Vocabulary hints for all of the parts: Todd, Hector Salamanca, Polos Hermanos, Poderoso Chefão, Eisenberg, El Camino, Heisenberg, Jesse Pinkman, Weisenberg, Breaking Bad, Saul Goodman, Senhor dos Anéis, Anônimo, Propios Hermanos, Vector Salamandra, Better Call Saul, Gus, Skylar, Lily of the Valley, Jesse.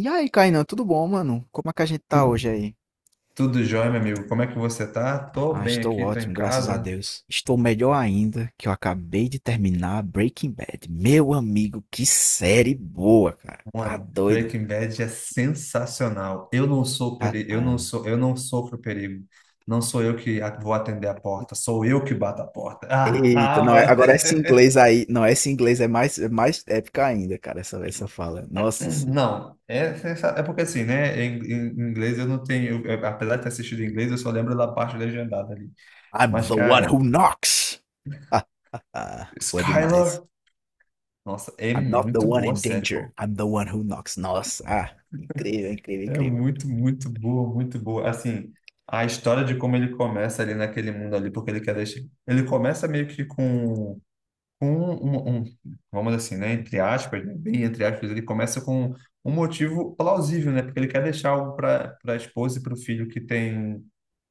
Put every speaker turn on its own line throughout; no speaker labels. E aí, Kainan, tudo bom, mano? Como é que a gente tá
Tudo,
hoje aí?
tudo jóia, meu amigo. Como é que você tá? Tô
Ah,
bem
estou
aqui, tô em
ótimo, graças a
casa.
Deus. Estou melhor ainda, que eu acabei de terminar Breaking Bad. Meu amigo, que série boa, cara. Tá
Mano,
doido.
Breaking Bad é sensacional. Eu não sou
Ah,
perigo,
ah.
eu não sofro perigo. Não sou eu que vou atender a porta, sou eu que bato a porta. Ah,
Eita,
ah,
não,
mano.
agora esse inglês aí, não, esse inglês é mais épica ainda, cara, essa fala. Nossa senhora.
Não, é, é porque assim, né? Em inglês eu não tenho, apesar de ter assistido em inglês, eu só lembro da parte legendada ali.
I'm
Mas,
the one
cara,
who knocks. Ah, ah, foi demais.
Skylar, nossa, é
I'm not the
muito
one
boa a
in
série,
danger.
pô.
I'm the one who knocks. Nossa, ah, incrível, incrível,
É
incrível.
muito, muito boa, muito boa. Assim, a história de como ele começa ali naquele mundo ali, porque ele quer deixar. Ele começa meio que com vamos assim, né? Entre aspas, né, bem entre aspas, ele começa com um motivo plausível, né? Porque ele quer deixar algo para a esposa e para o filho que tem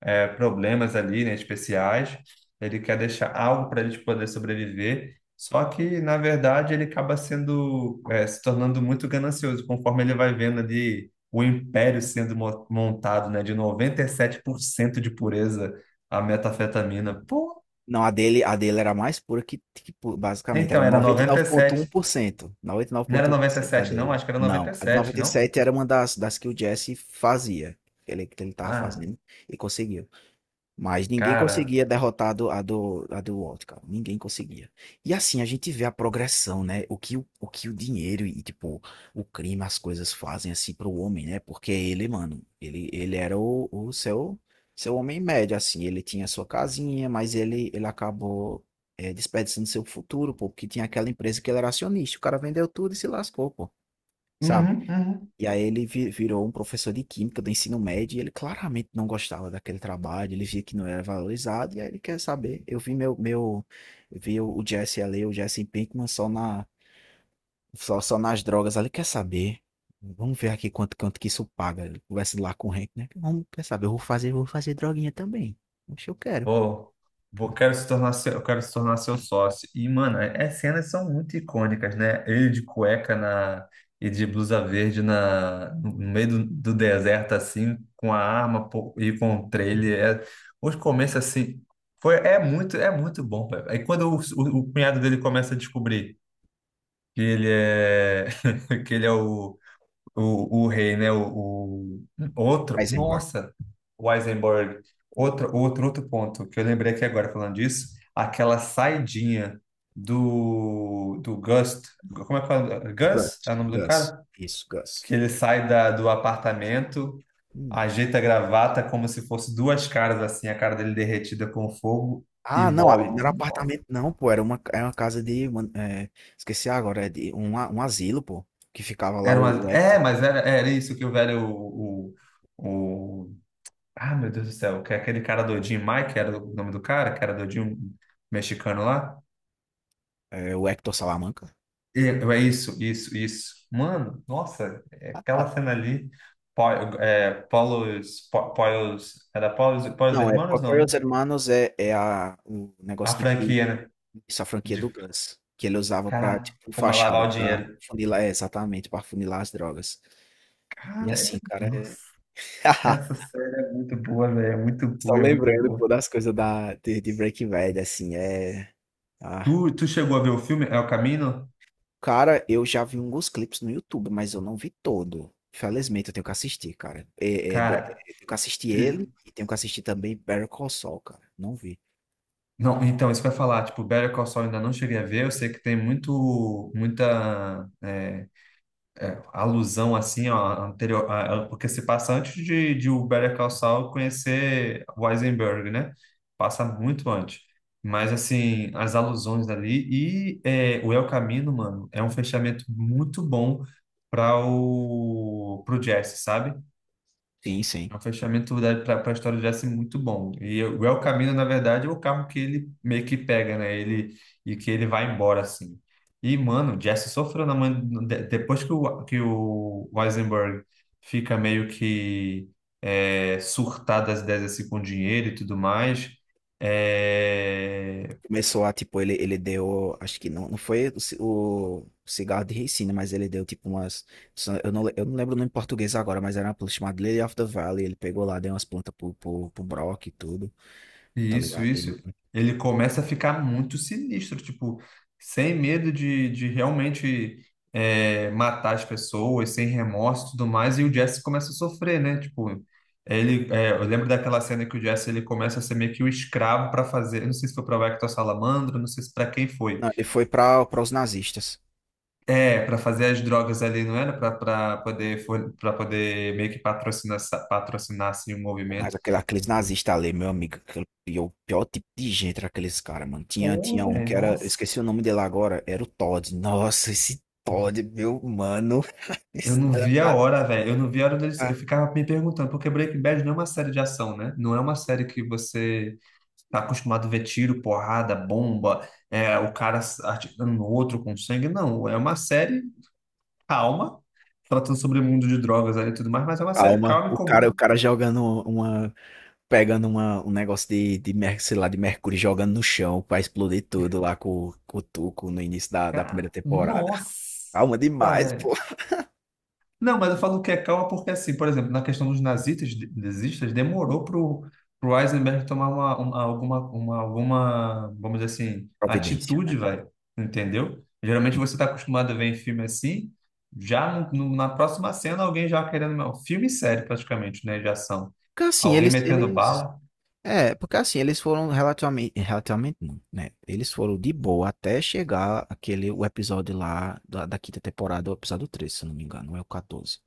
é, problemas ali, né, especiais. Ele quer deixar algo para a gente poder sobreviver. Só que, na verdade, ele acaba sendo, é, se tornando muito ganancioso, conforme ele vai vendo ali o império sendo montado, né, de 97% de pureza a metafetamina. Pô,
Não, a dele era mais pura basicamente era
então era
noventa e nove vírgula um
97.
por cento noventa e nove
Não
vírgula
era
um por cento a
97, não?
dele.
Acho que era
Não, a de
97,
noventa e
não?
sete era uma das que o Jesse fazia, que ele tava
Ah,
fazendo e conseguiu. Mas ninguém
cara.
conseguia derrotar a do Walt, cara. Ninguém conseguia. E assim, a gente vê a progressão, né? O que o dinheiro e, tipo, o crime, as coisas fazem, assim, pro homem, né? Porque ele, mano, ele era o seu, seu homem médio, assim. Ele tinha sua casinha, mas ele acabou, desperdiçando seu futuro, pô. Porque tinha aquela empresa que ele era acionista. O cara vendeu tudo e se lascou, pô. Sabe?
Uhum, uhum.
E aí ele virou um professor de química do ensino médio e ele claramente não gostava daquele trabalho, ele via que não era valorizado e aí ele quer saber. Eu vi o Jesse ali, o Jesse Pinkman só nas drogas ali, quer saber? Vamos ver aqui quanto que isso paga. Ele conversa lá com o Hank, né? Vamos, quer saber? Eu vou fazer droguinha também. Acho que eu quero.
Vou, vou, quero se tornar seu, eu quero se tornar seu sócio. E, mano, as cenas são muito icônicas, né? Ele de cueca na, e de blusa verde na, no meio do deserto, assim, com a arma pô, e com o trailer. Os começos, assim, é muito bom, velho. Aí quando o cunhado dele começa a descobrir que ele é, que ele é o rei, né? Outro,
Heisenberg.
nossa, o Eisenberg. Outro ponto que eu lembrei aqui agora falando disso, aquela saidinha do Gus, como é que fala? Gus
Gus.
é o nome do
Gus.
cara?
Isso,
Que
Gus.
ele sai do apartamento,
Hum.
ajeita a gravata como se fosse duas caras assim, a cara dele derretida com fogo e
Ah, não, ali
morre.
não era
Nossa,
apartamento não, pô, era era uma casa de, esqueci agora, é de um asilo, pô, que ficava lá
era uma,
o Hector,
é, mas era, era isso que o velho, o, ah, meu Deus do céu, que é aquele cara do Jim Mike, que era o nome do cara, que era do Jim mexicano lá.
o Hector Salamanca.
É isso, isso, isso. Mano, nossa, é aquela cena ali, Po- é, Polos, Polos, era Polos, Polos
Não, é
Hermanos, não, né?
Proprios Hermanos o
A
negócio de
franquia, né?
essa franquia do
De,
Gus, que ele usava pra,
cara,
tipo,
como lavar
fachada,
o dinheiro.
é, exatamente, pra funilar as drogas. E
Cara,
assim, cara,
nossa, essa série é muito boa, velho, é muito
Só
boa, é muito
lembrando,
boa.
pô, das coisas de Breaking Bad, assim, ah,
Tu chegou a ver o filme El Camino?
cara, eu já vi alguns clipes no YouTube, mas eu não vi todo. Infelizmente, eu tenho que assistir, cara. É, é, é, eu
Cara,
tenho que assistir ele e tenho que assistir também Better Call Saul, cara. Não vi.
Não, então, isso vai falar, tipo, Better Call Saul eu ainda não cheguei a ver, eu sei que tem muito, muita é, alusão, assim, ó, anterior, porque se passa antes de o Better Call Saul conhecer o Heisenberg, né? Passa muito antes. Mas, assim, as alusões ali e é, o El Camino, mano, é um fechamento muito bom para o pro Jesse, sabe?
Sim, sim.
É um fechamento para a história de Jesse muito bom. E o El Camino, na verdade, é o carro que ele meio que pega, né? Ele, e que ele vai embora, assim. E, mano, o Jesse sofreu na mão. Depois que o Weisenberg fica meio que é, surtado das ideias assim, com dinheiro e tudo mais, é.
Começou a, tipo, ele deu, acho que não foi o cigarro de ricina, mas ele deu, tipo, umas, eu não lembro o nome em português agora, mas era uma planta chamada Lily of the Valley, ele pegou lá, deu umas plantas pro Brock e tudo, tá
Isso,
ligado? Ele,
isso. Ele começa a ficar muito sinistro, tipo, sem medo de realmente é, matar as pessoas, sem remorso e tudo mais, e o Jesse começa a sofrer, né? Tipo, ele, é, eu lembro daquela cena que o Jesse ele começa a ser meio que o escravo para fazer, eu não sei se foi para Vector Salamandra, não sei se para quem foi.
não, ele foi pra os nazistas.
É, para fazer as drogas ali, não era? Para poder meio que patrocinar, patrocinar assim, o
Pô, mas
movimento.
aqueles nazistas ali, meu amigo, e o pior tipo de gente era aqueles caras, mano. Tinha,
Pô,
tinha um
velho,
que era, eu
nossa.
esqueci o nome dele agora, era o Todd. Nossa, esse Todd, meu mano,
Eu
esse
não vi a
danado.
hora, velho. Eu não vi a hora deles.
Ah,
Eu ficava me perguntando, porque Breaking Bad não é uma série de ação, né? Não é uma série que você tá acostumado a ver tiro, porrada, bomba, é, o cara atirando no outro com sangue. Não, é uma série calma, tratando sobre o mundo de drogas ali e tudo mais, mas é uma série
calma,
calma e
o
comum.
cara, o cara uma, pegando um negócio sei lá, de mercúrio, jogando no chão pra explodir tudo lá com o Tuco no início da primeira
Cara,
temporada.
nossa,
Calma demais, pô.
velho. Não, mas eu falo que é calma porque, assim, por exemplo, na questão dos nazistas, nazistas demorou para o Eisenberg tomar alguma, alguma, vamos dizer assim,
Providência, né?
atitude, velho. Entendeu? Geralmente você está acostumado a ver em filme assim, já na próxima cena alguém já querendo. Não, filme sério, praticamente, né? De ação.
Porque assim,
Alguém
eles,
metendo
eles
bala.
É, porque assim, eles foram relativamente, relativamente não, né? Eles foram de boa até chegar o episódio lá da quinta temporada, o episódio 13, se eu não me engano, não é o 14.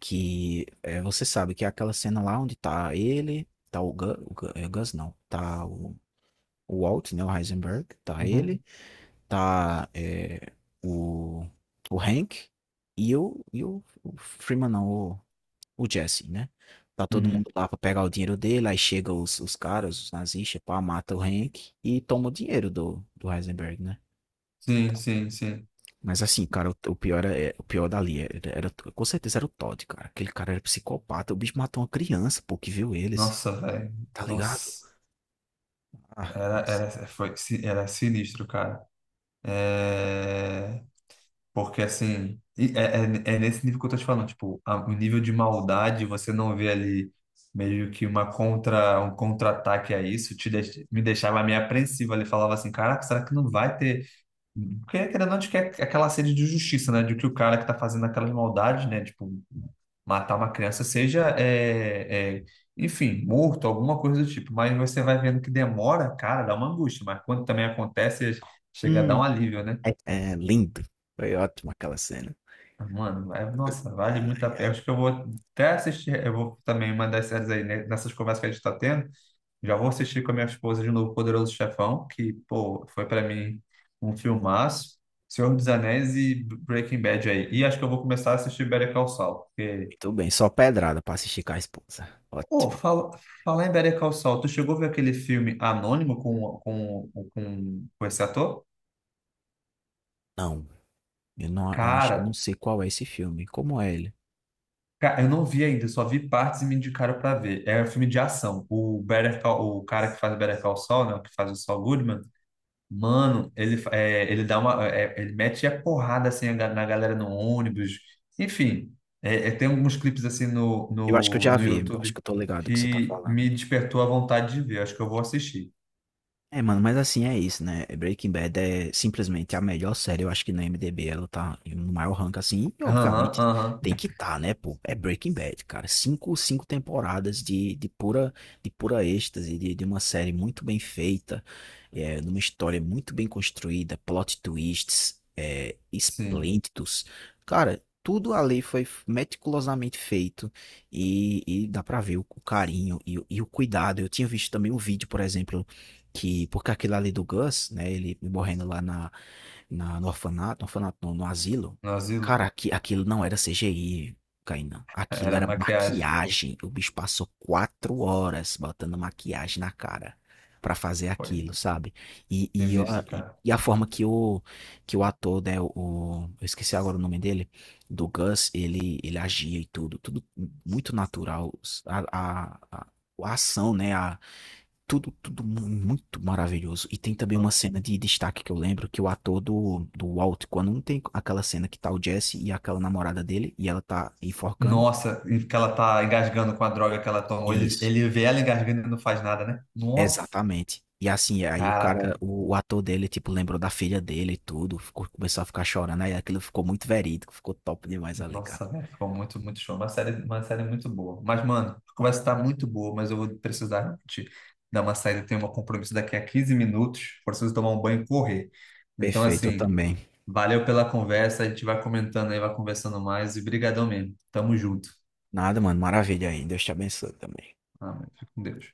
Que é, você sabe que é aquela cena lá onde tá ele, tá Gus, o é, Gus não, tá o Walt, né, o Heisenberg, tá
Uhum.
ele, tá o, o Hank e e o Freeman não, o Jesse, né? Tá todo
Uhum.
mundo lá pra pegar o dinheiro dele, aí chega os caras, os nazistas, pá, mata o Hank e toma o dinheiro do Heisenberg, né?
Sim, sim, sim.
Mas assim, cara, o pior o pior dali com certeza era o Todd, cara. Aquele cara era psicopata, o bicho matou uma criança, pô, que viu eles,
Nossa, velho.
tá ligado?
Nossa.
Ah,
Era,
nossa.
era, foi, si, era sinistro, cara. É... Porque assim, e é, é, é nesse nível que eu tô te falando, tipo, o nível de maldade, você não vê ali meio que um contra-ataque a isso, me deixava meio apreensivo ali, falava assim, caraca, será que não vai ter? Porque querendo ou não, a gente quer aquela sede de justiça, né? De que o cara que tá fazendo aquelas maldades, né? Tipo, matar uma criança, seja, é, é, enfim, morto, alguma coisa do tipo. Mas você vai vendo que demora, cara, dá uma angústia, mas quando também acontece, chega a dar
Hum,
um alívio, né?
é lindo. Foi ótimo aquela cena.
Mano, nossa, vale muito
Ai,
a pena.
ai.
Acho que eu vou até assistir. Eu vou também uma das séries aí, né, nessas conversas que a gente está tendo. Já vou assistir com a minha esposa de novo Poderoso Chefão, que, pô, foi para mim um filmaço. Senhor dos Anéis e Breaking Bad aí. E acho que eu vou começar a assistir Better Call Saul. Porque,
Muito bem, só pedrada pra assistir com a esposa.
pô,
Ótimo.
falar em Better Call Saul, tu chegou a ver aquele filme Anônimo com esse ator?
Não, eu acho que eu
Cara,
não sei qual é esse filme. Como é ele?
Cara, eu não vi ainda, só vi partes e me indicaram pra ver. É um filme de ação. O cara que faz o Better Call Saul, né, o que faz o Saul Goodman, mano, ele, é, ele dá uma, é, ele mete a porrada assim na galera no ônibus. Enfim, é, é, tem alguns clipes assim
Eu acho que eu já
no
vi, eu acho
YouTube
que eu tô ligado do que você tá
que
falando.
me despertou a vontade de ver. Acho que eu vou assistir.
É, mano, mas assim é isso, né? Breaking Bad é simplesmente a melhor série, eu acho que no IMDb ela tá no maior rank assim, e
Aham,
obviamente
aham,
tem que tá, né, pô? É Breaking Bad, cara. Cinco temporadas de pura êxtase, de uma série muito bem feita, numa história muito bem construída, plot twists,
sim.
esplêndidos. Cara, tudo ali foi meticulosamente feito. E dá pra ver o carinho e o cuidado. Eu tinha visto também um vídeo, por exemplo, que porque aquilo ali do Gus, né, ele morrendo lá na, na no orfanato, no orfanato não, no asilo,
No asilo,
cara, aqui, aquilo não era CGI, Kainan, aquilo
era
era
maquiagem.
maquiagem, o bicho passou 4 horas botando maquiagem na cara pra fazer
Foi
aquilo, sabe? E, e, eu-
sinistro,
e,
cara.
e a forma que o ator, né, eu esqueci agora o nome dele, do Gus, ele agia e tudo muito natural, a, a, a a ação, né, a, tudo, tudo mu- muito maravilhoso. E tem também uma
Não.
cena de destaque que eu lembro, que o ator do Walt, quando não tem aquela cena que tá o Jesse e aquela namorada dele, e ela tá enforcando.
Nossa, e que ela tá engasgando com a droga que ela tomou. Ele,
Isso,
ele vê ela engasgando e não faz nada, né? Nossa,
exatamente. E assim, aí o cara,
caraca.
o ator dele, tipo, lembrou da filha dele e tudo, começou a ficar chorando, aí aquilo ficou muito verídico, ficou top demais ali, cara.
Nossa, velho, ficou muito, muito show. Uma série muito boa. Mas, mano, a conversa tá muito boa, mas eu vou precisar te dar uma saída. Eu tenho um compromisso daqui a 15 minutos. Preciso tomar um banho e correr. Então,
Perfeito, eu
assim,
também.
valeu pela conversa. A gente vai comentando aí, vai conversando mais. E brigadão mesmo. Tamo junto.
Nada, mano, maravilha aí, Deus te abençoe também.
Amém. Fica com Deus.